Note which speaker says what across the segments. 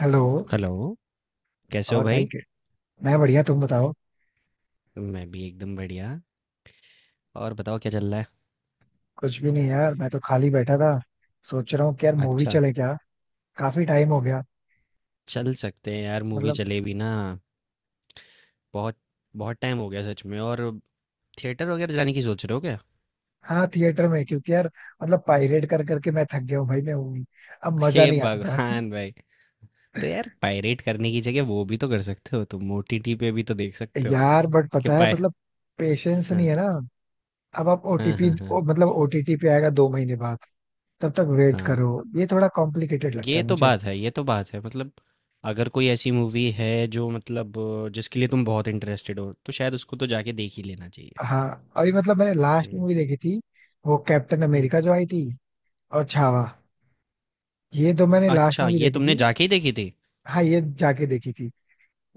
Speaker 1: Hello.
Speaker 2: Hello. कैसे हो
Speaker 1: और भाई
Speaker 2: भाई?
Speaker 1: के- मैं बढ़िया, तुम बताओ।
Speaker 2: मैं भी एकदम बढ़िया। और बताओ क्या चल रहा है?
Speaker 1: कुछ भी नहीं यार, मैं तो खाली बैठा था। सोच रहा हूँ कि यार मूवी
Speaker 2: अच्छा,
Speaker 1: चले क्या। काफी टाइम हो गया।
Speaker 2: चल सकते हैं यार, मूवी
Speaker 1: मतलब
Speaker 2: चले भी ना, बहुत बहुत टाइम हो गया सच में। और थिएटर वगैरह जाने की सोच रहे हो क्या?
Speaker 1: हाँ, थिएटर में। क्योंकि यार मतलब पायरेट कर करके मैं थक गया हूँ भाई, मैं मूवी अब मजा
Speaker 2: हे
Speaker 1: नहीं आता यार।
Speaker 2: भगवान भाई। तो यार पायरेट करने की जगह वो भी तो कर सकते हो, तुम ओटीटी पे भी तो देख सकते हो।
Speaker 1: यार बट
Speaker 2: कि
Speaker 1: पता है
Speaker 2: पाय
Speaker 1: मतलब पेशेंस नहीं
Speaker 2: हाँ
Speaker 1: है ना। अब आप
Speaker 2: हाँ
Speaker 1: ओटीपी
Speaker 2: हाँ। हाँ
Speaker 1: मतलब ओटीटी पे आएगा दो महीने बाद, तब तक वेट
Speaker 2: हाँ।
Speaker 1: करो। ये थोड़ा कॉम्प्लिकेटेड लगता
Speaker 2: ये
Speaker 1: है
Speaker 2: तो
Speaker 1: मुझे।
Speaker 2: बात है, ये तो बात है। मतलब अगर कोई ऐसी मूवी है जो मतलब जिसके लिए तुम बहुत इंटरेस्टेड हो, तो शायद उसको तो जाके देख ही लेना चाहिए।
Speaker 1: हाँ, अभी मतलब मैंने लास्ट मूवी देखी थी, वो कैप्टन
Speaker 2: हम्म।
Speaker 1: अमेरिका जो आई थी और छावा। ये तो मैंने लास्ट
Speaker 2: अच्छा,
Speaker 1: मूवी
Speaker 2: ये
Speaker 1: देखी
Speaker 2: तुमने
Speaker 1: थी।
Speaker 2: जाके ही देखी थी?
Speaker 1: हाँ, ये जाके देखी थी।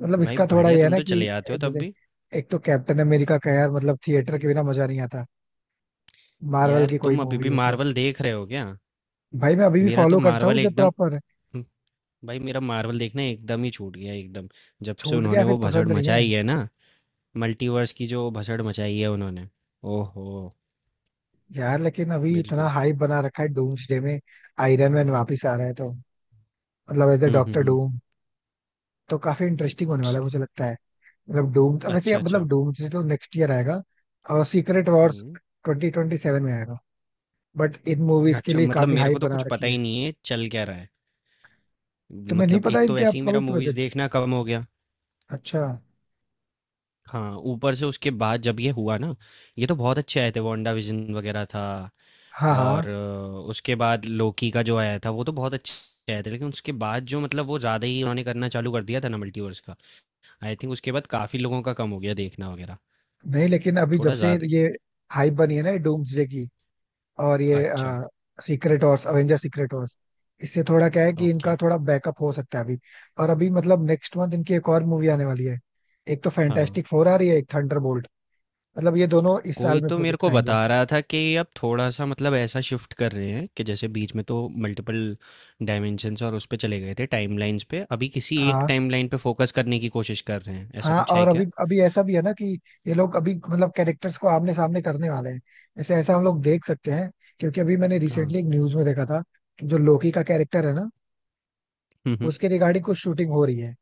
Speaker 1: मतलब
Speaker 2: भाई
Speaker 1: इसका थोड़ा
Speaker 2: बढ़िया,
Speaker 1: ये है
Speaker 2: तुम
Speaker 1: ना
Speaker 2: तो
Speaker 1: कि
Speaker 2: चले आते हो तब
Speaker 1: जैसे
Speaker 2: भी।
Speaker 1: एक तो कैप्टन अमेरिका का यार, मतलब थिएटर के बिना मजा नहीं आता, मार्वल
Speaker 2: यार
Speaker 1: की कोई
Speaker 2: तुम अभी
Speaker 1: मूवी
Speaker 2: भी
Speaker 1: हो तो।
Speaker 2: मार्वल देख रहे हो क्या?
Speaker 1: भाई मैं अभी भी
Speaker 2: मेरा तो
Speaker 1: फॉलो करता हूँ
Speaker 2: मार्वल
Speaker 1: उसे
Speaker 2: एकदम।
Speaker 1: प्रॉपर।
Speaker 2: हम्म, भाई मेरा मार्वल देखना एकदम ही छूट गया एकदम। जब से
Speaker 1: छूट गया
Speaker 2: उन्होंने
Speaker 1: फिर
Speaker 2: वो भसड़
Speaker 1: पसंद नहीं है।
Speaker 2: मचाई है ना, मल्टीवर्स की जो भसड़ मचाई है उन्होंने। ओहो,
Speaker 1: यार लेकिन अभी इतना
Speaker 2: बिल्कुल।
Speaker 1: हाइप बना रखा है डूम्सडे में, आयरन मैन वापिस आ रहा है, तो मतलब एज ए
Speaker 2: हुँ, हुँ,
Speaker 1: डॉक्टर
Speaker 2: हुँ।
Speaker 1: डूम, तो काफी इंटरेस्टिंग होने वाला है मुझे लगता है। मतलब डूम वैसे
Speaker 2: अच्छा, अच्छा।
Speaker 1: मतलब डूम्सडे तो नेक्स्ट ईयर आएगा और सीक्रेट वॉर्स
Speaker 2: हुँ।
Speaker 1: ट्वेंटी ट्वेंटी सेवन में आएगा। बट इन मूवीज के
Speaker 2: अच्छा,
Speaker 1: लिए
Speaker 2: मतलब
Speaker 1: काफी
Speaker 2: मेरे
Speaker 1: हाइप
Speaker 2: को तो
Speaker 1: बना
Speaker 2: कुछ
Speaker 1: रखी
Speaker 2: पता
Speaker 1: है।
Speaker 2: ही नहीं है चल क्या रहा है।
Speaker 1: तुम्हें नहीं
Speaker 2: मतलब
Speaker 1: पता
Speaker 2: एक तो
Speaker 1: इनके
Speaker 2: वैसे ही
Speaker 1: अपकमिंग
Speaker 2: मेरा
Speaker 1: भी
Speaker 2: मूवीज़
Speaker 1: प्रोजेक्ट?
Speaker 2: देखना कम हो गया।
Speaker 1: अच्छा।
Speaker 2: हाँ, ऊपर से उसके बाद जब ये हुआ ना, ये तो बहुत अच्छे आए थे, वांडा विजन वगैरह था।
Speaker 1: हाँ
Speaker 2: और
Speaker 1: हाँ।
Speaker 2: उसके बाद लोकी का जो आया था वो तो बहुत अच्छे आए थे, लेकिन उसके बाद जो मतलब वो ज़्यादा ही उन्होंने करना चालू कर दिया था ना मल्टीवर्स का। आई थिंक उसके बाद काफ़ी लोगों का कम हो गया देखना वगैरह,
Speaker 1: नहीं लेकिन अभी जब
Speaker 2: थोड़ा
Speaker 1: से
Speaker 2: ज़्यादा।
Speaker 1: ये हाइप बनी है ना डूम्सडे की और ये
Speaker 2: अच्छा।
Speaker 1: Secret Wars, Avenger Secret Wars, इससे थोड़ा क्या है कि इनका
Speaker 2: ओके।
Speaker 1: थोड़ा बैकअप हो सकता है अभी। और अभी मतलब नेक्स्ट मंथ इनकी एक और मूवी आने वाली है। एक तो
Speaker 2: हाँ।
Speaker 1: फैंटास्टिक फोर आ रही है, एक थंडरबोल्ट। मतलब ये दोनों इस
Speaker 2: कोई
Speaker 1: साल में
Speaker 2: तो मेरे
Speaker 1: प्रोजेक्ट्स
Speaker 2: को
Speaker 1: आएंगे।
Speaker 2: बता रहा था कि अब थोड़ा सा मतलब ऐसा शिफ्ट कर रहे हैं कि जैसे बीच में तो मल्टीपल डायमेंशंस और उस पे चले गए थे, टाइमलाइंस पे, अभी किसी एक
Speaker 1: हाँ।
Speaker 2: टाइमलाइन पे फोकस करने की कोशिश कर रहे हैं, ऐसा
Speaker 1: हाँ
Speaker 2: कुछ है
Speaker 1: और अभी
Speaker 2: क्या?
Speaker 1: अभी ऐसा भी है ना कि ये लोग अभी मतलब कैरेक्टर्स को आमने सामने करने वाले हैं। ऐसे ऐसा हम लोग देख सकते हैं क्योंकि अभी मैंने
Speaker 2: हाँ।
Speaker 1: रिसेंटली एक न्यूज में देखा था कि जो लोकी का कैरेक्टर है ना,
Speaker 2: हम्म।
Speaker 1: उसके रिगार्डिंग कुछ शूटिंग हो रही है।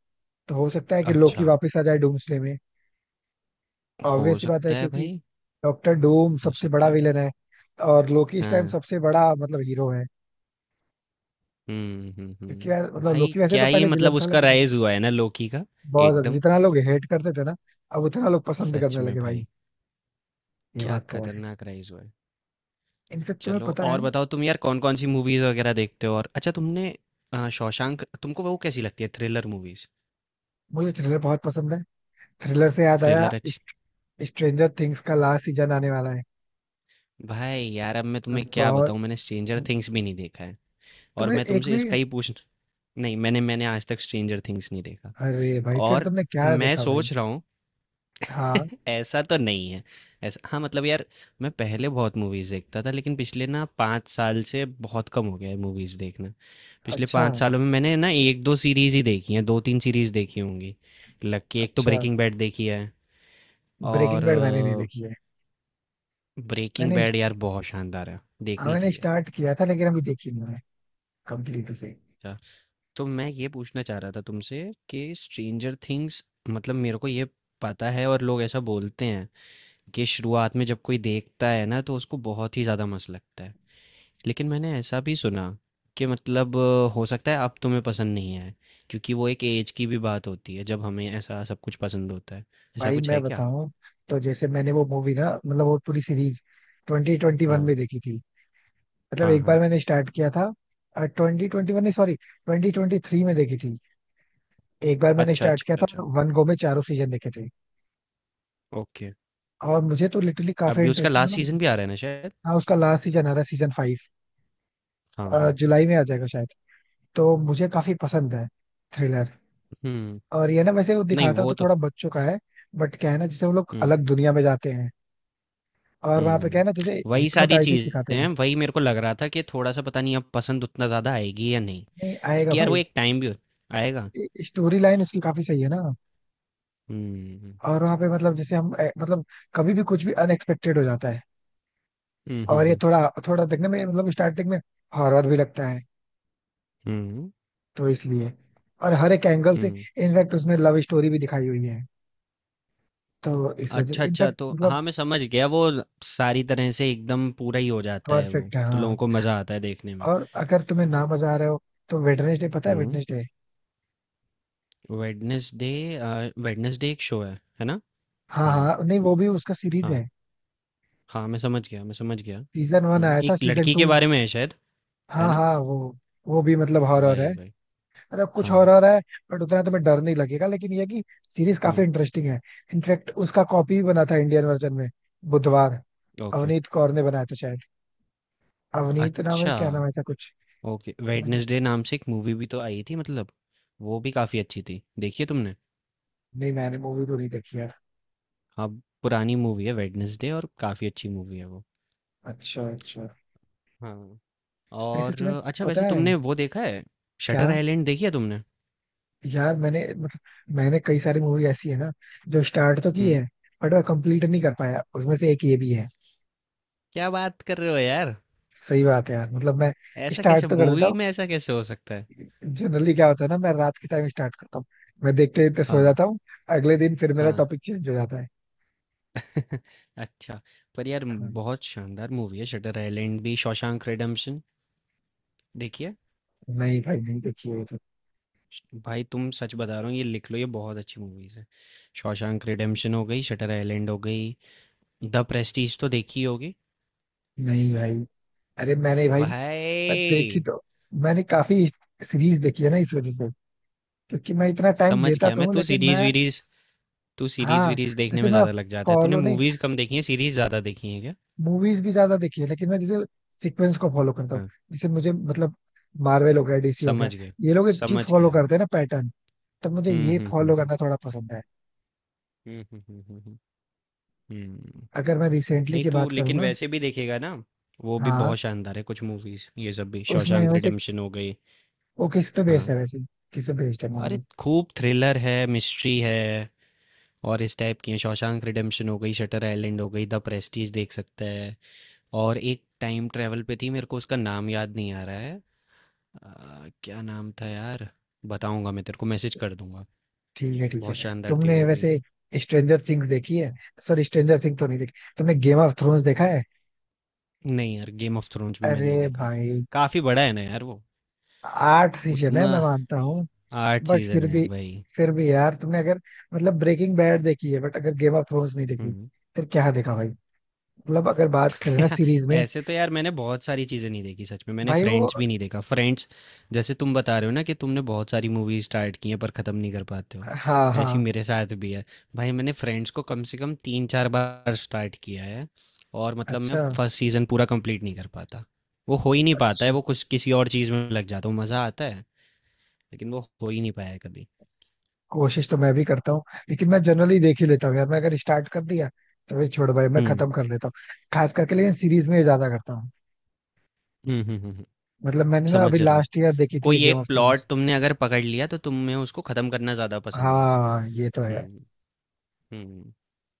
Speaker 1: तो हो सकता है कि लोकी
Speaker 2: अच्छा।
Speaker 1: वापस आ जाए डूम्सडे में।
Speaker 2: हो
Speaker 1: ऑब्वियस सी बात है
Speaker 2: सकता है
Speaker 1: क्योंकि
Speaker 2: भाई।
Speaker 1: डॉक्टर डूम
Speaker 2: हो
Speaker 1: सबसे बड़ा
Speaker 2: सकता है।
Speaker 1: विलन है और लोकी इस टाइम
Speaker 2: हाँ,
Speaker 1: सबसे बड़ा मतलब हीरो है। क्योंकि यार
Speaker 2: हम्म।
Speaker 1: मतलब
Speaker 2: भाई
Speaker 1: लोकी वैसे तो
Speaker 2: क्या ये
Speaker 1: पहले विलन
Speaker 2: मतलब
Speaker 1: था
Speaker 2: उसका
Speaker 1: लेकिन अब
Speaker 2: राइज हुआ है ना लोकी का। एकदम।
Speaker 1: जितना लोग हेट करते थे ना, अब उतना लोग पसंद
Speaker 2: सच
Speaker 1: करने
Speaker 2: में
Speaker 1: लगे भाई।
Speaker 2: भाई।
Speaker 1: ये
Speaker 2: क्या
Speaker 1: बात तो है।
Speaker 2: खतरनाक राइज हुआ है।
Speaker 1: इनफेक्ट तुम्हें
Speaker 2: चलो
Speaker 1: पता है।
Speaker 2: और बताओ तुम यार कौन कौन सी मूवीज वगैरह देखते हो। और अच्छा, तुमने शौशांक, तुमको वो कैसी लगती है, थ्रिलर मूवीज?
Speaker 1: मुझे थ्रिलर बहुत पसंद है। थ्रिलर से याद आया,
Speaker 2: थ्रिलर अच्छी।
Speaker 1: स्ट्रेंजर थिंग्स का लास्ट सीजन आने वाला है।
Speaker 2: भाई यार अब मैं तुम्हें क्या
Speaker 1: बहुत।
Speaker 2: बताऊँ, मैंने स्ट्रेंजर थिंग्स भी नहीं देखा है। और
Speaker 1: तुम्हें
Speaker 2: मैं
Speaker 1: एक
Speaker 2: तुमसे
Speaker 1: भी?
Speaker 2: इसका ही पूछ, नहीं मैंने मैंने आज तक स्ट्रेंजर थिंग्स नहीं देखा।
Speaker 1: अरे भाई फिर
Speaker 2: और
Speaker 1: तुमने क्या
Speaker 2: मैं
Speaker 1: देखा भाई?
Speaker 2: सोच रहा हूँ।
Speaker 1: हाँ।
Speaker 2: ऐसा तो नहीं है। ऐसा, हाँ मतलब यार मैं पहले बहुत मूवीज़ देखता था लेकिन पिछले ना पाँच साल से बहुत कम हो गया है मूवीज़ देखना। पिछले
Speaker 1: अच्छा।
Speaker 2: पाँच सालों में मैंने ना एक दो सीरीज़ ही देखी हैं, दो तीन सीरीज़ देखी होंगी। लकी एक तो
Speaker 1: अच्छा।
Speaker 2: ब्रेकिंग बैड देखी है।
Speaker 1: ब्रेकिंग बैड मैंने नहीं
Speaker 2: और
Speaker 1: देखी है।
Speaker 2: ब्रेकिंग
Speaker 1: मैंने
Speaker 2: बैड यार बहुत शानदार है,
Speaker 1: हाँ,
Speaker 2: देखनी
Speaker 1: मैंने
Speaker 2: चाहिए।
Speaker 1: स्टार्ट किया था लेकिन अभी देखी नहीं है, कंप्लीट उसे।
Speaker 2: अच्छा, तो मैं ये पूछना चाह रहा था तुमसे कि स्ट्रेंजर थिंग्स, मतलब मेरे को ये पता है और लोग ऐसा बोलते हैं कि शुरुआत में जब कोई देखता है ना तो उसको बहुत ही ज़्यादा मस्त लगता है, लेकिन मैंने ऐसा भी सुना कि मतलब हो सकता है अब तुम्हें पसंद नहीं आए, क्योंकि वो एक एज की भी बात होती है जब हमें ऐसा सब कुछ पसंद होता है, ऐसा
Speaker 1: भाई
Speaker 2: कुछ
Speaker 1: मैं
Speaker 2: है क्या?
Speaker 1: बताऊं, तो जैसे मैंने वो मूवी ना मतलब वो पूरी सीरीज ट्वेंटी ट्वेंटी वन
Speaker 2: हाँ
Speaker 1: में देखी थी। मतलब
Speaker 2: हाँ
Speaker 1: एक
Speaker 2: हाँ।
Speaker 1: बार मैंने स्टार्ट किया था। ट्वेंटी ट्वेंटी वन नहीं सॉरी, ट्वेंटी ट्वेंटी थ्री में देखी थी। एक बार मैंने
Speaker 2: अच्छा
Speaker 1: स्टार्ट
Speaker 2: अच्छा
Speaker 1: किया था, मैंने
Speaker 2: अच्छा।
Speaker 1: वन गो में चारों सीजन देखे थे
Speaker 2: ओके।
Speaker 1: और मुझे तो लिटरली काफी
Speaker 2: अभी उसका
Speaker 1: इंटरेस्टिंग
Speaker 2: लास्ट
Speaker 1: मतलब।
Speaker 2: सीजन भी आ रहा है ना शायद।
Speaker 1: हाँ, उसका लास्ट सीजन आ रहा है, सीजन फाइव
Speaker 2: हाँ हाँ।
Speaker 1: जुलाई में आ जाएगा शायद। तो मुझे काफी पसंद है थ्रिलर।
Speaker 2: हम्म।
Speaker 1: और ये ना वैसे वो
Speaker 2: नहीं,
Speaker 1: दिखाता
Speaker 2: वो
Speaker 1: तो
Speaker 2: तो।
Speaker 1: थोड़ा बच्चों का है बट क्या है ना, जैसे वो लोग
Speaker 2: हम्म
Speaker 1: अलग दुनिया में जाते हैं और वहां पे क्या है ना,
Speaker 2: हम्म।
Speaker 1: जैसे
Speaker 2: वही सारी
Speaker 1: हिप्नोटाइसिस सिखाते
Speaker 2: चीज़ें
Speaker 1: हैं।
Speaker 2: हैं, वही मेरे को लग रहा था कि थोड़ा सा पता नहीं अब पसंद उतना ज़्यादा आएगी या नहीं।
Speaker 1: नहीं आएगा
Speaker 2: क्योंकि यार वो
Speaker 1: भाई।
Speaker 2: एक टाइम भी आएगा।
Speaker 1: स्टोरी लाइन उसकी काफी सही है ना।
Speaker 2: हम्म
Speaker 1: और वहां पे मतलब जैसे हम मतलब कभी भी कुछ भी अनएक्सपेक्टेड हो जाता है।
Speaker 2: हम्म हम्म
Speaker 1: और ये
Speaker 2: हम्म
Speaker 1: थोड़ा थोड़ा देखने में मतलब स्टार्टिंग में हॉरर भी लगता है,
Speaker 2: हम्म
Speaker 1: तो इसलिए। और हर एक एंगल से
Speaker 2: हम्म,
Speaker 1: इनफैक्ट उसमें लव स्टोरी भी दिखाई हुई है, तो इस
Speaker 2: अच्छा,
Speaker 1: वजह
Speaker 2: अच्छा,
Speaker 1: इनफैक्ट
Speaker 2: तो
Speaker 1: मतलब
Speaker 2: हाँ, मैं समझ गया, वो सारी तरह से एकदम पूरा ही हो जाता है वो,
Speaker 1: परफेक्ट है
Speaker 2: तो लोगों
Speaker 1: हाँ।
Speaker 2: को मज़ा आता है देखने में।
Speaker 1: और अगर तुम्हें ना मजा आ रहा हो तो वेडनेसडे, पता है
Speaker 2: हुँ,
Speaker 1: वेडनेसडे?
Speaker 2: वेडनेसडे। अ, वेडनेसडे एक शो है ना?
Speaker 1: हाँ
Speaker 2: हाँ,
Speaker 1: हाँ, नहीं वो भी उसका सीरीज
Speaker 2: हाँ,
Speaker 1: है।
Speaker 2: हाँ, मैं समझ गया, मैं समझ गया।
Speaker 1: सीजन वन
Speaker 2: हुँ,
Speaker 1: आया था,
Speaker 2: एक
Speaker 1: सीजन
Speaker 2: लड़की
Speaker 1: टू।
Speaker 2: के बारे में है शायद, है
Speaker 1: हाँ
Speaker 2: ना?
Speaker 1: हाँ, वो भी मतलब हॉरर है,
Speaker 2: वही, वही,
Speaker 1: मतलब कुछ
Speaker 2: हाँ,
Speaker 1: हॉरर है। बट उतना तुम्हें डर नहीं लगेगा, लेकिन ये है कि सीरीज काफी
Speaker 2: हुँ,
Speaker 1: इंटरेस्टिंग है। इनफैक्ट उसका कॉपी भी बना था इंडियन वर्जन में, बुधवार।
Speaker 2: ओके।
Speaker 1: अवनीत कौर ने बनाया था शायद। अवनीत नाम है
Speaker 2: अच्छा,
Speaker 1: क्या, नाम है ऐसा कुछ।
Speaker 2: ओके, वेडनेसडे नाम से एक मूवी भी तो आई थी मतलब, वो भी काफ़ी अच्छी थी, देखी है तुमने?
Speaker 1: नहीं मैंने मूवी तो नहीं देखी यार।
Speaker 2: हाँ, पुरानी मूवी है वेडनेसडे और काफ़ी अच्छी मूवी है वो।
Speaker 1: अच्छा अच्छा।
Speaker 2: हाँ।
Speaker 1: ऐसे
Speaker 2: और
Speaker 1: तुम्हें
Speaker 2: अच्छा
Speaker 1: पता
Speaker 2: वैसे
Speaker 1: है
Speaker 2: तुमने वो देखा है,
Speaker 1: क्या?
Speaker 2: शटर आइलैंड देखी है तुमने?
Speaker 1: यार मैंने मतलब मैंने कई सारी मूवी ऐसी है ना जो स्टार्ट तो की है
Speaker 2: हम्म।
Speaker 1: बट मैं कंप्लीट नहीं कर पाया, उसमें से एक ये भी है।
Speaker 2: क्या बात कर रहे हो यार,
Speaker 1: सही बात है यार मतलब मैं
Speaker 2: ऐसा
Speaker 1: स्टार्ट
Speaker 2: कैसे
Speaker 1: तो कर देता
Speaker 2: मूवी
Speaker 1: हूँ।
Speaker 2: में ऐसा कैसे हो सकता है?
Speaker 1: जनरली क्या होता है ना, मैं रात के टाइम स्टार्ट करता हूँ, मैं देखते देखते सो
Speaker 2: हाँ
Speaker 1: जाता हूँ। अगले दिन फिर मेरा
Speaker 2: हाँ।
Speaker 1: टॉपिक चेंज हो जाता है।
Speaker 2: अच्छा, पर यार
Speaker 1: हाँ।
Speaker 2: बहुत शानदार मूवी है शटर आइलैंड भी, शॉशैंक रिडेम्पशन देखिए।
Speaker 1: नहीं भाई नहीं देखी है ये तो।
Speaker 2: भाई तुम सच बता रहा हो, ये लिख लो ये बहुत अच्छी मूवीज है, शॉशैंक रिडेम्पशन हो गई, शटर आइलैंड हो गई, द प्रेस्टीज तो देखी होगी।
Speaker 1: नहीं भाई। अरे मैंने भाई मैं देखी
Speaker 2: भाई।
Speaker 1: तो, मैंने काफी सीरीज देखी है ना इस वजह से, क्योंकि मैं इतना टाइम
Speaker 2: समझ
Speaker 1: देता
Speaker 2: गया
Speaker 1: तो
Speaker 2: मैं
Speaker 1: हूँ
Speaker 2: तू
Speaker 1: लेकिन
Speaker 2: सीरीज
Speaker 1: मैं।
Speaker 2: वीरीज तू
Speaker 1: हाँ,
Speaker 2: सीरीज़-वीरीज़ देखने
Speaker 1: जैसे
Speaker 2: में
Speaker 1: मैं
Speaker 2: ज़्यादा लग जाता है। तूने
Speaker 1: फॉलो नहीं,
Speaker 2: मूवीज़ कम देखी हैं, सीरीज़ ज़्यादा देखी हैं क्या?
Speaker 1: मूवीज भी ज्यादा देखी है लेकिन मैं जैसे सीक्वेंस को फॉलो करता हूँ।
Speaker 2: हाँ,
Speaker 1: जैसे मुझे मतलब मार्वल हो गया, डीसी हो गया,
Speaker 2: समझ गया,
Speaker 1: ये लोग एक चीज
Speaker 2: समझ
Speaker 1: फॉलो
Speaker 2: गया मैं।
Speaker 1: करते हैं ना, पैटर्न। तो मुझे
Speaker 2: हुँ,
Speaker 1: ये
Speaker 2: हुँ, हुँ,
Speaker 1: फॉलो
Speaker 2: हुँ।
Speaker 1: करना थोड़ा पसंद है।
Speaker 2: हुँ, हुँ, हुँ, हुँ, हुँ। हुँ,
Speaker 1: अगर मैं रिसेंटली
Speaker 2: नहीं
Speaker 1: की
Speaker 2: तू
Speaker 1: बात करूँ
Speaker 2: लेकिन
Speaker 1: ना।
Speaker 2: वैसे भी देखेगा ना, वो भी
Speaker 1: हाँ
Speaker 2: बहुत शानदार है कुछ मूवीज़, ये सब भी,
Speaker 1: उसमें
Speaker 2: शॉशैंक
Speaker 1: वैसे,
Speaker 2: रिडेम्पशन हो गई।
Speaker 1: वो किस पे बेस्ड
Speaker 2: हाँ,
Speaker 1: है वैसे? किस पे बेस्ड है
Speaker 2: अरे
Speaker 1: मूवी?
Speaker 2: खूब थ्रिलर है, मिस्ट्री है और इस टाइप की हैं, शॉशैंक रिडेम्पशन हो गई, शटर आइलैंड हो गई, द प्रेस्टीज देख सकता है और एक टाइम ट्रैवल पे थी, मेरे को उसका नाम याद नहीं आ रहा है। क्या नाम था यार, बताऊंगा मैं, तेरे को मैसेज कर दूंगा।
Speaker 1: ठीक है ठीक
Speaker 2: बहुत
Speaker 1: है,
Speaker 2: शानदार थी
Speaker 1: तुमने
Speaker 2: वो भी।
Speaker 1: वैसे स्ट्रेंजर थिंग्स देखी है? सॉरी, स्ट्रेंजर थिंग तो नहीं देखी। तुमने गेम ऑफ थ्रोन्स देखा है?
Speaker 2: नहीं यार गेम ऑफ थ्रोन्स भी मैंने
Speaker 1: अरे
Speaker 2: नहीं देखा,
Speaker 1: भाई,
Speaker 2: काफी बड़ा है ना यार वो,
Speaker 1: आठ सीजन है
Speaker 2: उतना।
Speaker 1: मैं मानता हूँ
Speaker 2: आठ
Speaker 1: बट
Speaker 2: सीजन
Speaker 1: फिर
Speaker 2: है
Speaker 1: भी।
Speaker 2: भाई।
Speaker 1: फिर भी यार तुमने अगर, मतलब ब्रेकिंग बैड देखी है बट अगर गेम ऑफ थ्रोन्स नहीं देखी,
Speaker 2: हम्म।
Speaker 1: फिर क्या देखा भाई? मतलब अगर बात करें ना सीरीज में।
Speaker 2: ऐसे तो यार मैंने बहुत सारी चीज़ें नहीं देखी सच में, मैंने
Speaker 1: भाई वो।
Speaker 2: फ्रेंड्स भी नहीं देखा, फ्रेंड्स। जैसे तुम बता रहे हो ना कि तुमने बहुत सारी मूवीज स्टार्ट की हैं पर ख़त्म नहीं कर पाते हो,
Speaker 1: हाँ
Speaker 2: ऐसी
Speaker 1: हाँ।
Speaker 2: मेरे साथ भी है। भाई मैंने फ्रेंड्स को कम से कम तीन चार बार स्टार्ट किया है और मतलब मैं
Speaker 1: अच्छा।
Speaker 2: फर्स्ट सीज़न पूरा कंप्लीट नहीं कर पाता। वो हो ही नहीं पाता है
Speaker 1: अच्छा।
Speaker 2: वो, कुछ किसी और चीज़ में लग जाता हूँ, मज़ा आता है, लेकिन वो हो ही नहीं पाया है कभी।
Speaker 1: कोशिश तो मैं भी करता हूँ, लेकिन मैं जनरली देख ही लेता हूँ यार, मैं अगर स्टार्ट कर दिया तो फिर छोड़, भाई मैं
Speaker 2: हम्म
Speaker 1: खत्म कर लेता हूँ। खास करके लेकिन सीरीज में ये ज्यादा करता हूँ।
Speaker 2: हम्म हम्म हम्म हम्म,
Speaker 1: मतलब मैंने ना अभी
Speaker 2: समझ रहा हूँ।
Speaker 1: लास्ट ईयर देखी थी ये
Speaker 2: कोई
Speaker 1: गेम
Speaker 2: एक
Speaker 1: ऑफ थ्रोन्स।
Speaker 2: प्लॉट तुमने अगर पकड़ लिया तो तुम्हें उसको ख़त्म करना ज़्यादा पसंद है।
Speaker 1: हाँ ये तो है।
Speaker 2: हम्म हम्म।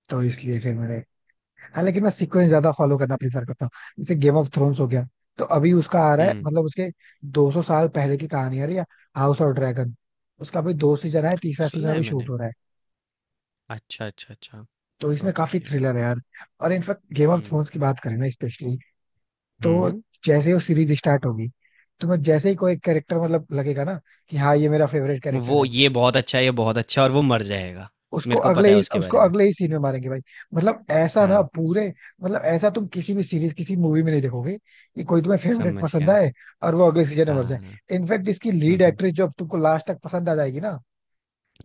Speaker 1: तो इसलिए फिर मैंने। हालांकि मैं
Speaker 2: हुँ,
Speaker 1: सीक्वेंस ज्यादा फॉलो करना प्रीफर करता हूँ, जैसे गेम ऑफ थ्रोन्स हो गया, तो अभी उसका आ रहा है,
Speaker 2: हुँ,
Speaker 1: मतलब उसके 200 साल पहले की कहानी आ रही है, हाउस ऑफ ड्रैगन। उसका अभी दो सीजन है, तीसरा सीजन
Speaker 2: सुना है
Speaker 1: अभी शूट
Speaker 2: मैंने।
Speaker 1: हो रहा है।
Speaker 2: अच्छा, अच्छा, अच्छा,
Speaker 1: तो इसमें काफी
Speaker 2: ओके,
Speaker 1: थ्रिलर है यार। और इनफैक्ट गेम ऑफ
Speaker 2: हुँ,
Speaker 1: थ्रोन्स की बात करें ना स्पेशली, तो
Speaker 2: हुँ।
Speaker 1: जैसे ही वो सीरीज स्टार्ट होगी, तो मैं जैसे ही कोई कैरेक्टर मतलब लगेगा ना कि हाँ ये मेरा फेवरेट कैरेक्टर
Speaker 2: वो
Speaker 1: है,
Speaker 2: ये बहुत अच्छा है, ये बहुत अच्छा है और वो मर जाएगा। मेरे को पता है उसके
Speaker 1: उसको
Speaker 2: बारे में।
Speaker 1: अगले ही सीन में मारेंगे भाई। मतलब ऐसा ना
Speaker 2: हाँ,
Speaker 1: पूरे, मतलब ऐसा तुम किसी भी सीरीज किसी मूवी में नहीं देखोगे कि कोई तुम्हें फेवरेट
Speaker 2: समझ
Speaker 1: पसंद
Speaker 2: गया।
Speaker 1: आए और वो अगले सीजन में मर
Speaker 2: हाँ,
Speaker 1: जाए।
Speaker 2: हाँ।
Speaker 1: इनफैक्ट इसकी
Speaker 2: हुँ,
Speaker 1: लीड
Speaker 2: हुँ,
Speaker 1: एक्ट्रेस जो अब तुमको लास्ट तक पसंद आ जाएगी ना,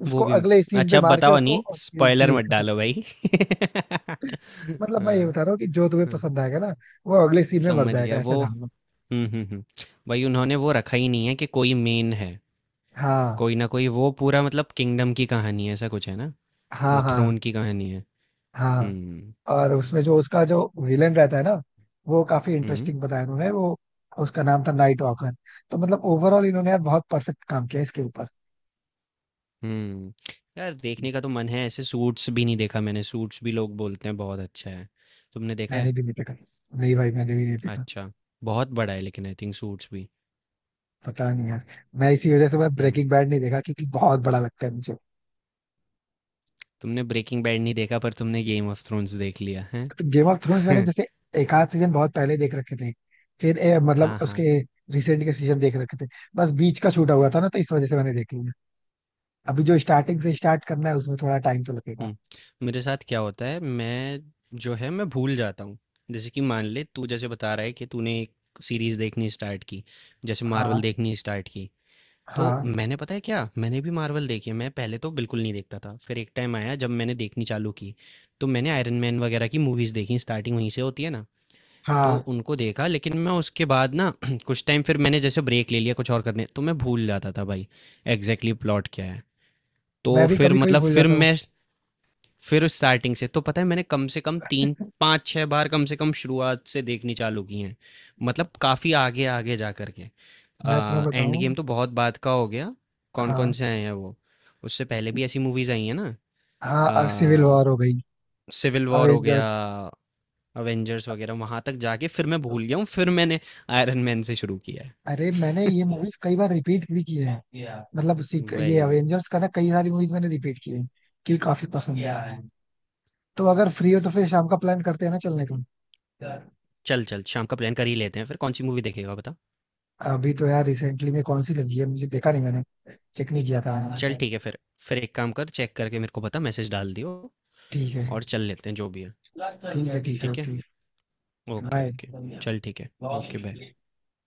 Speaker 1: उसको
Speaker 2: वो भी।
Speaker 1: अगले सीन
Speaker 2: अच्छा
Speaker 1: पे
Speaker 2: अब
Speaker 1: मार के
Speaker 2: बताओ
Speaker 1: उसको
Speaker 2: नहीं, स्पॉइलर
Speaker 1: सीरीज
Speaker 2: मत
Speaker 1: खत्म
Speaker 2: डालो
Speaker 1: कर।
Speaker 2: भाई।
Speaker 1: मतलब मैं ये बता
Speaker 2: हाँ,
Speaker 1: रहा हूँ कि जो तुम्हें
Speaker 2: हाँ,
Speaker 1: पसंद आएगा ना, वो अगले सीन में मर
Speaker 2: समझ
Speaker 1: जाएगा,
Speaker 2: गया
Speaker 1: ऐसा
Speaker 2: वो।
Speaker 1: जान लो।
Speaker 2: हुँ, हुँ, हुँ, भाई उन्होंने वो रखा ही नहीं है कि कोई मेन है,
Speaker 1: हाँ
Speaker 2: कोई ना कोई वो पूरा मतलब किंगडम की कहानी है, ऐसा कुछ है ना?
Speaker 1: हाँ।
Speaker 2: वो
Speaker 1: हाँ
Speaker 2: थ्रोन की कहानी है।
Speaker 1: हाँ।
Speaker 2: हुँ,
Speaker 1: और उसमें जो उसका जो विलेन रहता है ना, वो काफी
Speaker 2: हुँ।
Speaker 1: इंटरेस्टिंग बताया उन्होंने वो, उसका नाम था नाइट वॉकर। तो मतलब ओवरऑल इन्होंने यार बहुत परफेक्ट काम किया इसके ऊपर।
Speaker 2: हुँ। यार देखने का तो मन है, ऐसे सूट्स भी नहीं देखा मैंने, सूट्स भी लोग बोलते हैं बहुत अच्छा है। तुमने देखा है?
Speaker 1: मैंने भी नहीं देखा, नहीं भाई मैंने भी नहीं देखा।
Speaker 2: अच्छा, बहुत बड़ा है लेकिन आई थिंक सूट्स भी।
Speaker 1: पता नहीं यार, मैं इसी वजह से मैं
Speaker 2: हुँ,
Speaker 1: ब्रेकिंग बैड नहीं देखा क्योंकि बहुत बड़ा लगता है मुझे।
Speaker 2: तुमने ब्रेकिंग बैड नहीं देखा पर तुमने गेम ऑफ थ्रोन्स देख लिया, हैं?
Speaker 1: तो गेम ऑफ थ्रोन्स मैंने जैसे एक आध सीजन बहुत पहले देख रखे थे, फिर मतलब
Speaker 2: हाँ, हाँ।
Speaker 1: उसके रिसेंट के सीजन देख रखे थे। बस बीच का छूटा हुआ
Speaker 2: हुँ,
Speaker 1: था ना, तो इस वजह से मैंने देख लिया। अभी जो स्टार्टिंग से स्टार्ट करना है उसमें थोड़ा टाइम तो लगेगा।
Speaker 2: हुँ। मेरे साथ क्या होता है, मैं जो है मैं भूल जाता हूँ। जैसे कि मान ले तू जैसे बता रहा है कि तूने एक सीरीज़ देखनी स्टार्ट की, जैसे
Speaker 1: हाँ।
Speaker 2: मार्वल देखनी स्टार्ट की। तो
Speaker 1: हाँ।
Speaker 2: मैंने पता है क्या, मैंने भी मार्वल देखी है, मैं पहले तो बिल्कुल नहीं देखता था, फिर एक टाइम आया जब मैंने देखनी चालू की, तो मैंने आयरन मैन वगैरह की मूवीज़ देखी, स्टार्टिंग वहीं से होती है ना, तो
Speaker 1: हाँ
Speaker 2: उनको देखा। लेकिन मैं उसके बाद ना कुछ टाइम फिर मैंने जैसे ब्रेक ले लिया कुछ और करने, तो मैं भूल जाता था भाई एग्जैक्टली प्लॉट क्या है। तो
Speaker 1: मैं भी
Speaker 2: फिर
Speaker 1: कभी कभी
Speaker 2: मतलब
Speaker 1: भूल
Speaker 2: फिर
Speaker 1: जाता हूँ।
Speaker 2: मैं फिर स्टार्टिंग से तो पता है मैंने कम से कम 3-5-6 बार कम से कम शुरुआत से देखनी चालू की हैं। मतलब काफ़ी आगे, आगे जा कर के।
Speaker 1: मैं तुम्हें
Speaker 2: एंड
Speaker 1: बताऊँ।
Speaker 2: गेम तो बहुत बाद का हो गया, कौन-कौन
Speaker 1: हाँ।
Speaker 2: से आए हैं वो। उससे पहले भी ऐसी मूवीज़ आई हैं ना,
Speaker 1: हाँ सिविल
Speaker 2: अ,
Speaker 1: वॉर हो गई,
Speaker 2: सिविल वॉर हो गया,
Speaker 1: अवेंजर्स।
Speaker 2: अवेंजर्स वगैरह, वहाँ तक जाके फिर मैं भूल गया हूँ, फिर मैंने आयरन मैन से शुरू किया
Speaker 1: अरे मैंने
Speaker 2: है।
Speaker 1: ये मूवीज कई बार रिपीट भी किए हैं। ये
Speaker 2: वही, वही।
Speaker 1: अवेंजर्स का ना कई सारी मूवीज मैंने रिपीट किए हैं क्योंकि काफी पसंद है। तो अगर फ्री हो तो फिर शाम का प्लान करते हैं ना चलने का।
Speaker 2: चल, चल शाम का प्लान कर ही लेते हैं फिर, कौन-सी मूवी देखेगा बता?
Speaker 1: अभी तो यार रिसेंटली में कौन सी लगी है मुझे देखा नहीं मैंने, चेक नहीं किया था
Speaker 2: चल
Speaker 1: मैंने।
Speaker 2: ठीक है फिर। फिर एक काम कर, चेक करके मेरे को बता, मैसेज डाल दियो।
Speaker 1: ठीक है।
Speaker 2: और चल लेते हैं जो भी है,
Speaker 1: ठीक है ठीक है
Speaker 2: ठीक है?
Speaker 1: ओके।
Speaker 2: Okay, okay.
Speaker 1: बाय।
Speaker 2: चल ठीक है, ओके बाय।